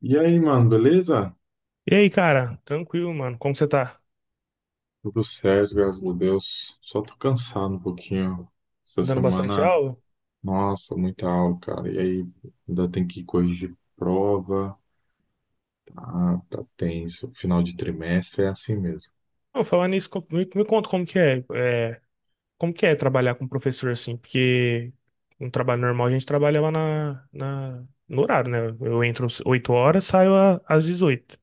E aí, mano, beleza? E aí, cara? Tranquilo, mano. Como você tá? Tudo certo, graças a Deus. Só tô cansado um pouquinho. Essa Dando bastante semana, aula? nossa, muita aula, cara. E aí, ainda tem que corrigir prova. Ah, tá tenso. Final de trimestre é assim mesmo. Não, falando nisso, me conta como que é trabalhar com professor assim, porque um trabalho normal a gente trabalha lá no horário, né? Eu entro às 8 horas, saio às 18.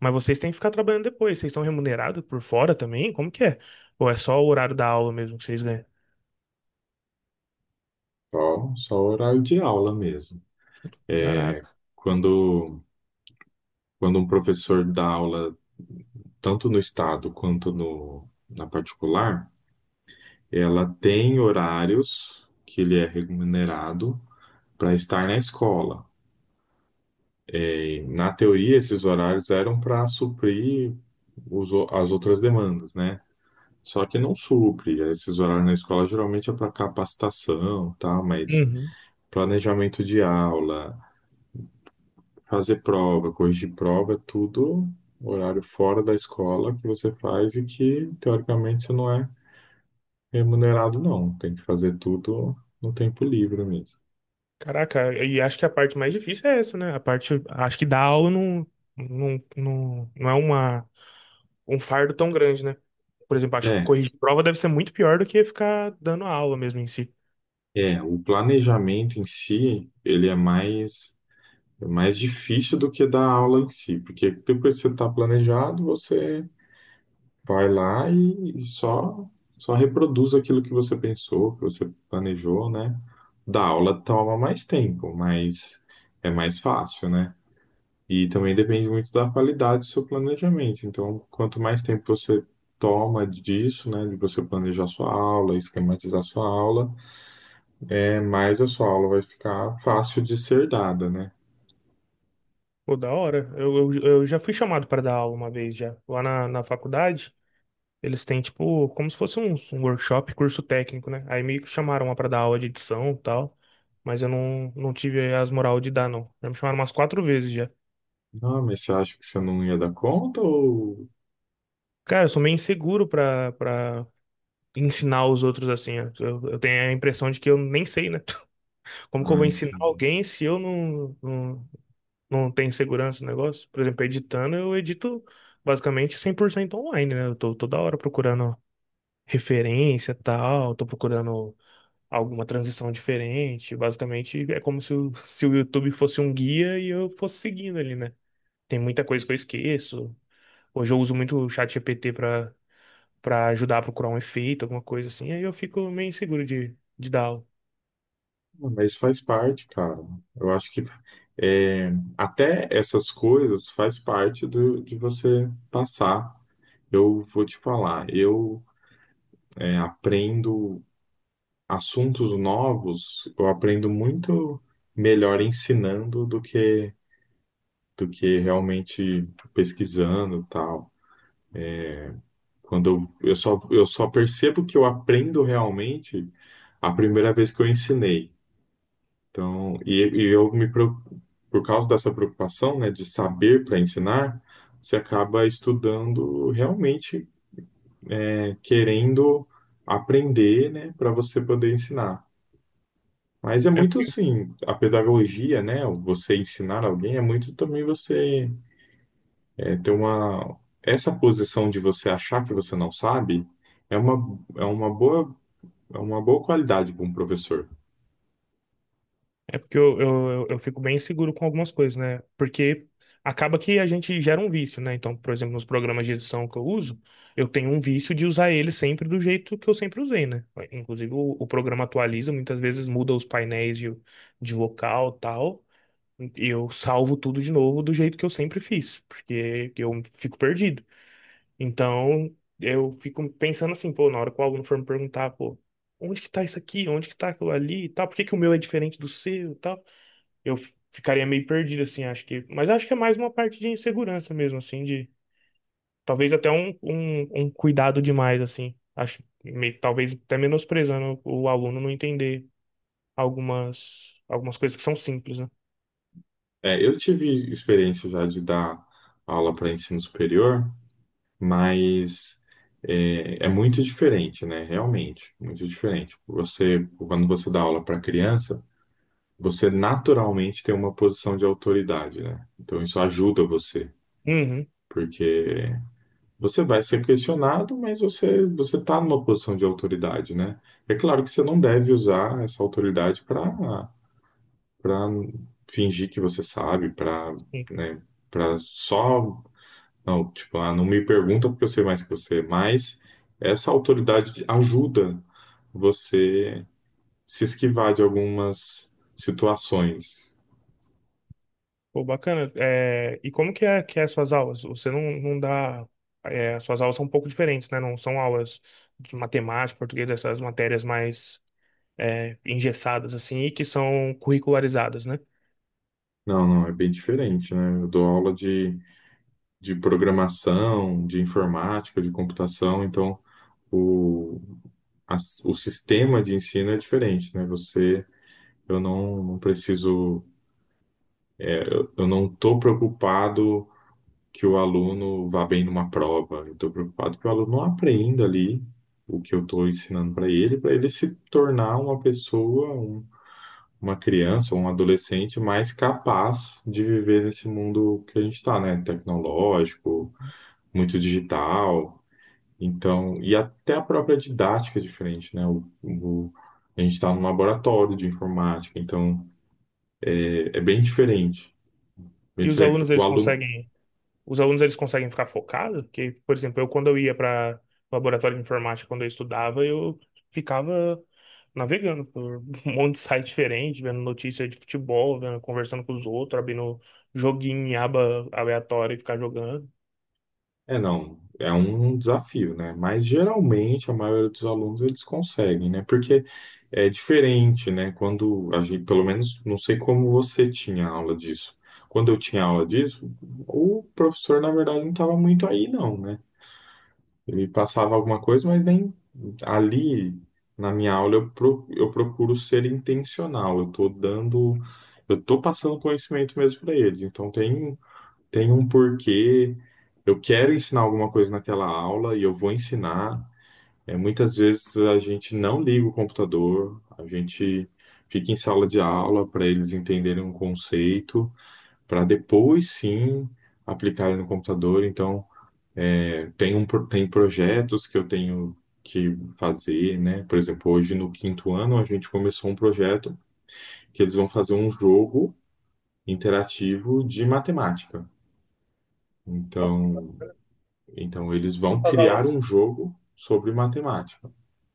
Mas vocês têm que ficar trabalhando depois. Vocês são remunerados por fora também? Como que é? Ou é só o horário da aula mesmo que vocês ganham? Só horário de aula mesmo. Caraca. Quando, quando um professor dá aula, tanto no estado quanto no, na particular, ela tem horários que ele é remunerado para estar na escola. Na teoria, esses horários eram para suprir as outras demandas, né? Só que não supre. Esses horários na escola geralmente é para capacitação, tá? Mas Uhum. planejamento de aula, fazer prova, corrigir prova, é tudo horário fora da escola que você faz e que, teoricamente, você não é remunerado, não. Tem que fazer tudo no tempo livre mesmo. Caraca, e acho que a parte mais difícil é essa, né? A parte, acho que dar aula não, não é uma um fardo tão grande, né? Por exemplo, acho que É, corrigir prova deve ser muito pior do que ficar dando a aula mesmo em si. O planejamento em si, ele é mais é mais difícil do que dar aula em si, porque depois que você está planejado, você vai lá e só reproduz aquilo que você pensou, que você planejou, né? Da aula toma mais tempo, mas é mais fácil, né? E também depende muito da qualidade do seu planejamento. Então, quanto mais tempo você toma disso, né, de você planejar sua aula, esquematizar sua aula, é mais a sua aula vai ficar fácil de ser dada, né? Pô, da hora. Eu já fui chamado para dar aula uma vez já. Lá na faculdade, eles têm, tipo, como se fosse um workshop, curso técnico, né? Aí me chamaram lá para dar aula de edição e tal. Mas eu não tive as moral de dar, não. Já me chamaram umas quatro vezes já. Não, mas você acha que você não ia dar conta ou… Cara, eu sou meio inseguro para ensinar os outros assim. Ó. Eu tenho a impressão de que eu nem sei, né? Como que eu Ah, vou ensinar entendi. alguém se eu não tem segurança no negócio. Por exemplo, editando, eu edito basicamente 100% online, né? Eu tô toda hora procurando referência, e tal, tô procurando alguma transição diferente. Basicamente, é como se o YouTube fosse um guia e eu fosse seguindo ali, né? Tem muita coisa que eu esqueço. Hoje eu uso muito o chat GPT para ajudar a procurar um efeito, alguma coisa assim. Aí eu fico meio inseguro de dar aula. Não, mas faz parte, cara. Eu acho que é, até essas coisas faz parte do, de você passar. Eu vou te falar, eu aprendo assuntos novos, eu aprendo muito melhor ensinando do que realmente pesquisando e tal. Quando eu só percebo que eu aprendo realmente a primeira vez que eu ensinei. Então, eu por causa dessa preocupação, né, de saber para ensinar, você acaba estudando realmente, né, querendo aprender, né, para você poder ensinar. Mas é muito É. assim, a pedagogia, né, você ensinar alguém é muito também você ter uma essa posição de você achar que você não sabe é uma é uma boa qualidade para um professor. É porque eu fico bem inseguro com algumas coisas, né? Porque acaba que a gente gera um vício, né? Então, por exemplo, nos programas de edição que eu uso, eu tenho um vício de usar ele sempre do jeito que eu sempre usei, né? Inclusive, o programa atualiza, muitas vezes muda os painéis de vocal e tal, e eu salvo tudo de novo do jeito que eu sempre fiz, porque eu fico perdido. Então, eu fico pensando assim, pô, na hora que o aluno for me perguntar, pô, onde que tá isso aqui? Onde que tá aquilo ali e tal? Por que que o meu é diferente do seu e tal? eu ficaria meio perdido, assim, acho que. Mas acho que é mais uma parte de insegurança mesmo, assim, de talvez até um cuidado demais, assim. Acho meio, talvez até menosprezando o aluno não entender algumas coisas que são simples, né? É, eu tive experiência já de dar aula para ensino superior, mas é muito diferente, né? Realmente, muito diferente. Você, quando você dá aula para criança, você naturalmente tem uma posição de autoridade, né? Então isso ajuda você, Uhum, porque você vai ser questionado, mas você está numa posição de autoridade, né? É claro que você não deve usar essa autoridade para fingir que você sabe, para, sim. né, para só não, tipo, ah, não me pergunta porque eu sei mais que você, mas essa ajuda você se esquivar de algumas situações. Pô, bacana. É, e como que é as suas aulas? Você não dá. É, as suas aulas são um pouco diferentes, né? Não são aulas de matemática, português, essas matérias mais é, engessadas, assim, e que são curricularizadas, né? Não, não, é bem diferente, né? Eu dou aula de programação, de informática, de computação, então o, o sistema de ensino é diferente, né? Você, eu não, não preciso, eu não estou preocupado que o aluno vá bem numa prova. Eu estou preocupado que o aluno não aprenda ali o que eu estou ensinando para ele se tornar uma criança, um adolescente mais capaz de viver nesse mundo que a gente está, né? Tecnológico, muito digital. Então, e até a própria didática é diferente, né? A gente está num laboratório de informática, então é bem diferente. Bem E os diferente. alunos, O eles aluno, conseguem. Os alunos eles conseguem ficar focados? Porque, por exemplo, eu quando eu ia para laboratório de informática, quando eu estudava, eu ficava navegando por um monte de site diferente, vendo notícia de futebol, vendo, conversando com os outros, abrindo joguinho em aba aleatória e ficar jogando. é, não, é um desafio, né? Mas geralmente a maioria dos alunos eles conseguem, né? Porque é diferente, né? Quando a gente, pelo menos, não sei como você tinha aula disso. Quando eu tinha aula disso, o professor, na verdade, não estava muito aí, não, né? Ele passava alguma coisa, mas nem ali na minha aula eu procuro ser intencional. Eu tô passando conhecimento mesmo para eles. Então tem um porquê. Eu quero ensinar alguma coisa naquela aula e eu vou ensinar. É, muitas vezes a gente não liga o computador, a gente fica em sala de aula para eles entenderem um conceito, para depois sim aplicarem no computador. Então, tem projetos que eu tenho que fazer, né? Por exemplo, hoje no 5º ano a gente começou um projeto que eles vão fazer um jogo interativo de matemática. Nossa, que Então, bacana. então, eles vão Então, as criar aulas, um jogo sobre matemática.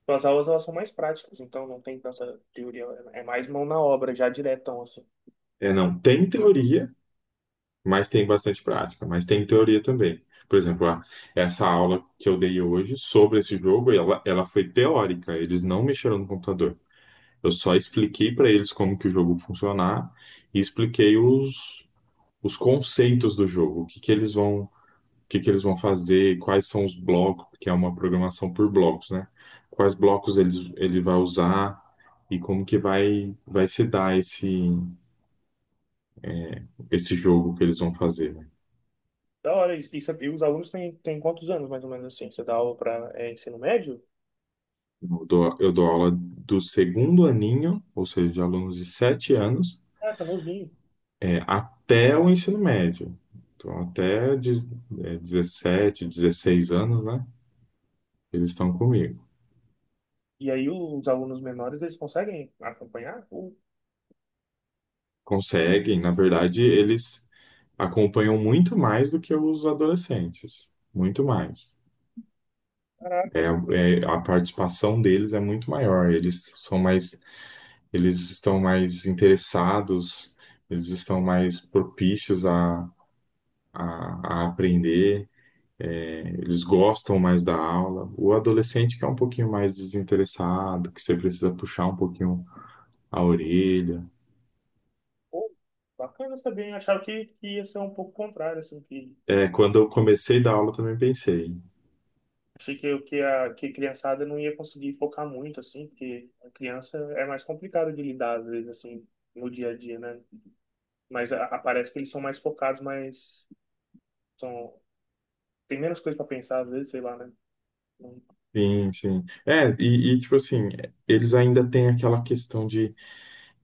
as aulas elas são mais práticas, então não tem tanta teoria, é mais mão na obra, já diretão, assim. É, não tem teoria, mas tem bastante prática, mas tem teoria também. Por exemplo, essa aula que eu dei hoje sobre esse jogo, ela foi teórica, eles não mexeram no computador. Eu só expliquei para eles como que o jogo funcionar e expliquei os conceitos do jogo, o que que eles vão fazer, quais são os blocos, porque é uma programação por blocos, né? Quais blocos ele vai usar e como que vai se dar esse jogo que eles vão fazer, né? Da hora, e os alunos têm quantos anos, mais ou menos assim? Você dá aula para ensino médio? Eu dou aula do segundo aninho, ou seja, de alunos de 7 anos, Ah, tá novinho. é, até o ensino médio. Então, até de, é, 17, 16 anos, né? Eles estão comigo. E aí os alunos menores, eles conseguem acompanhar? Pô, Conseguem, na verdade, eles acompanham muito mais do que os adolescentes, muito mais. É, caraca, a participação deles é muito maior. Eles são mais, eles estão mais interessados, eles estão mais propícios a aprender. É, eles gostam mais da aula. O adolescente que é um pouquinho mais desinteressado, que você precisa puxar um pouquinho a orelha. pô, bacana saber. Hein? Achava que ia ser um pouco contrário, assim, que É, quando eu comecei a dar aula, eu também pensei. achei que a criançada não ia conseguir focar muito, assim, porque a criança é mais complicada de lidar, às vezes, assim, no dia a dia, né? Mas parece que eles são mais focados, mas são, tem menos coisa para pensar, às vezes, sei lá, né? Não. Sim, sim. É, tipo assim, eles ainda têm aquela questão de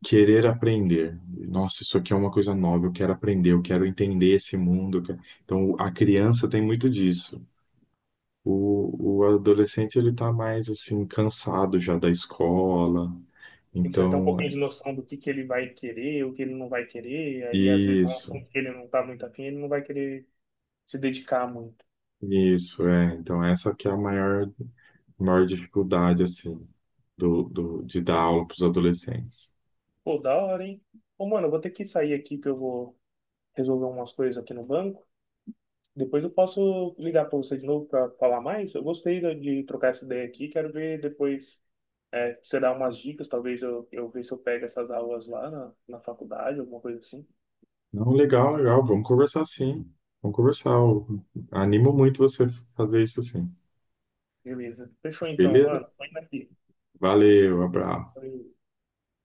querer aprender. Nossa, isso aqui é uma coisa nova, eu quero aprender, eu quero entender esse mundo. Então, a criança tem muito disso. O adolescente, ele tá mais, assim, cansado já da escola. Ele já tem um Então, pouquinho de noção do que ele vai querer, o que ele não vai querer, aí às vezes é um isso, assunto que ele não tá muito afim, ele não vai querer se dedicar muito. isso, é. Então, essa que é a maior dificuldade, assim, de dar aula para os adolescentes. Pô, da hora, hein? Ô, mano, eu vou ter que sair aqui que eu vou resolver umas coisas aqui no banco. Depois eu posso ligar pra você de novo pra falar mais. Eu gostei de trocar essa ideia aqui. Quero ver depois, é, você dar umas dicas. Talvez eu ver se eu pego essas aulas lá na faculdade, alguma coisa assim. Não, legal, legal. Vamos conversar sim. Vamos conversar. Eu animo muito você fazer isso sim. Beleza. Fechou então, Beleza? mano. Põe aqui. Valeu, abraço. Valeu.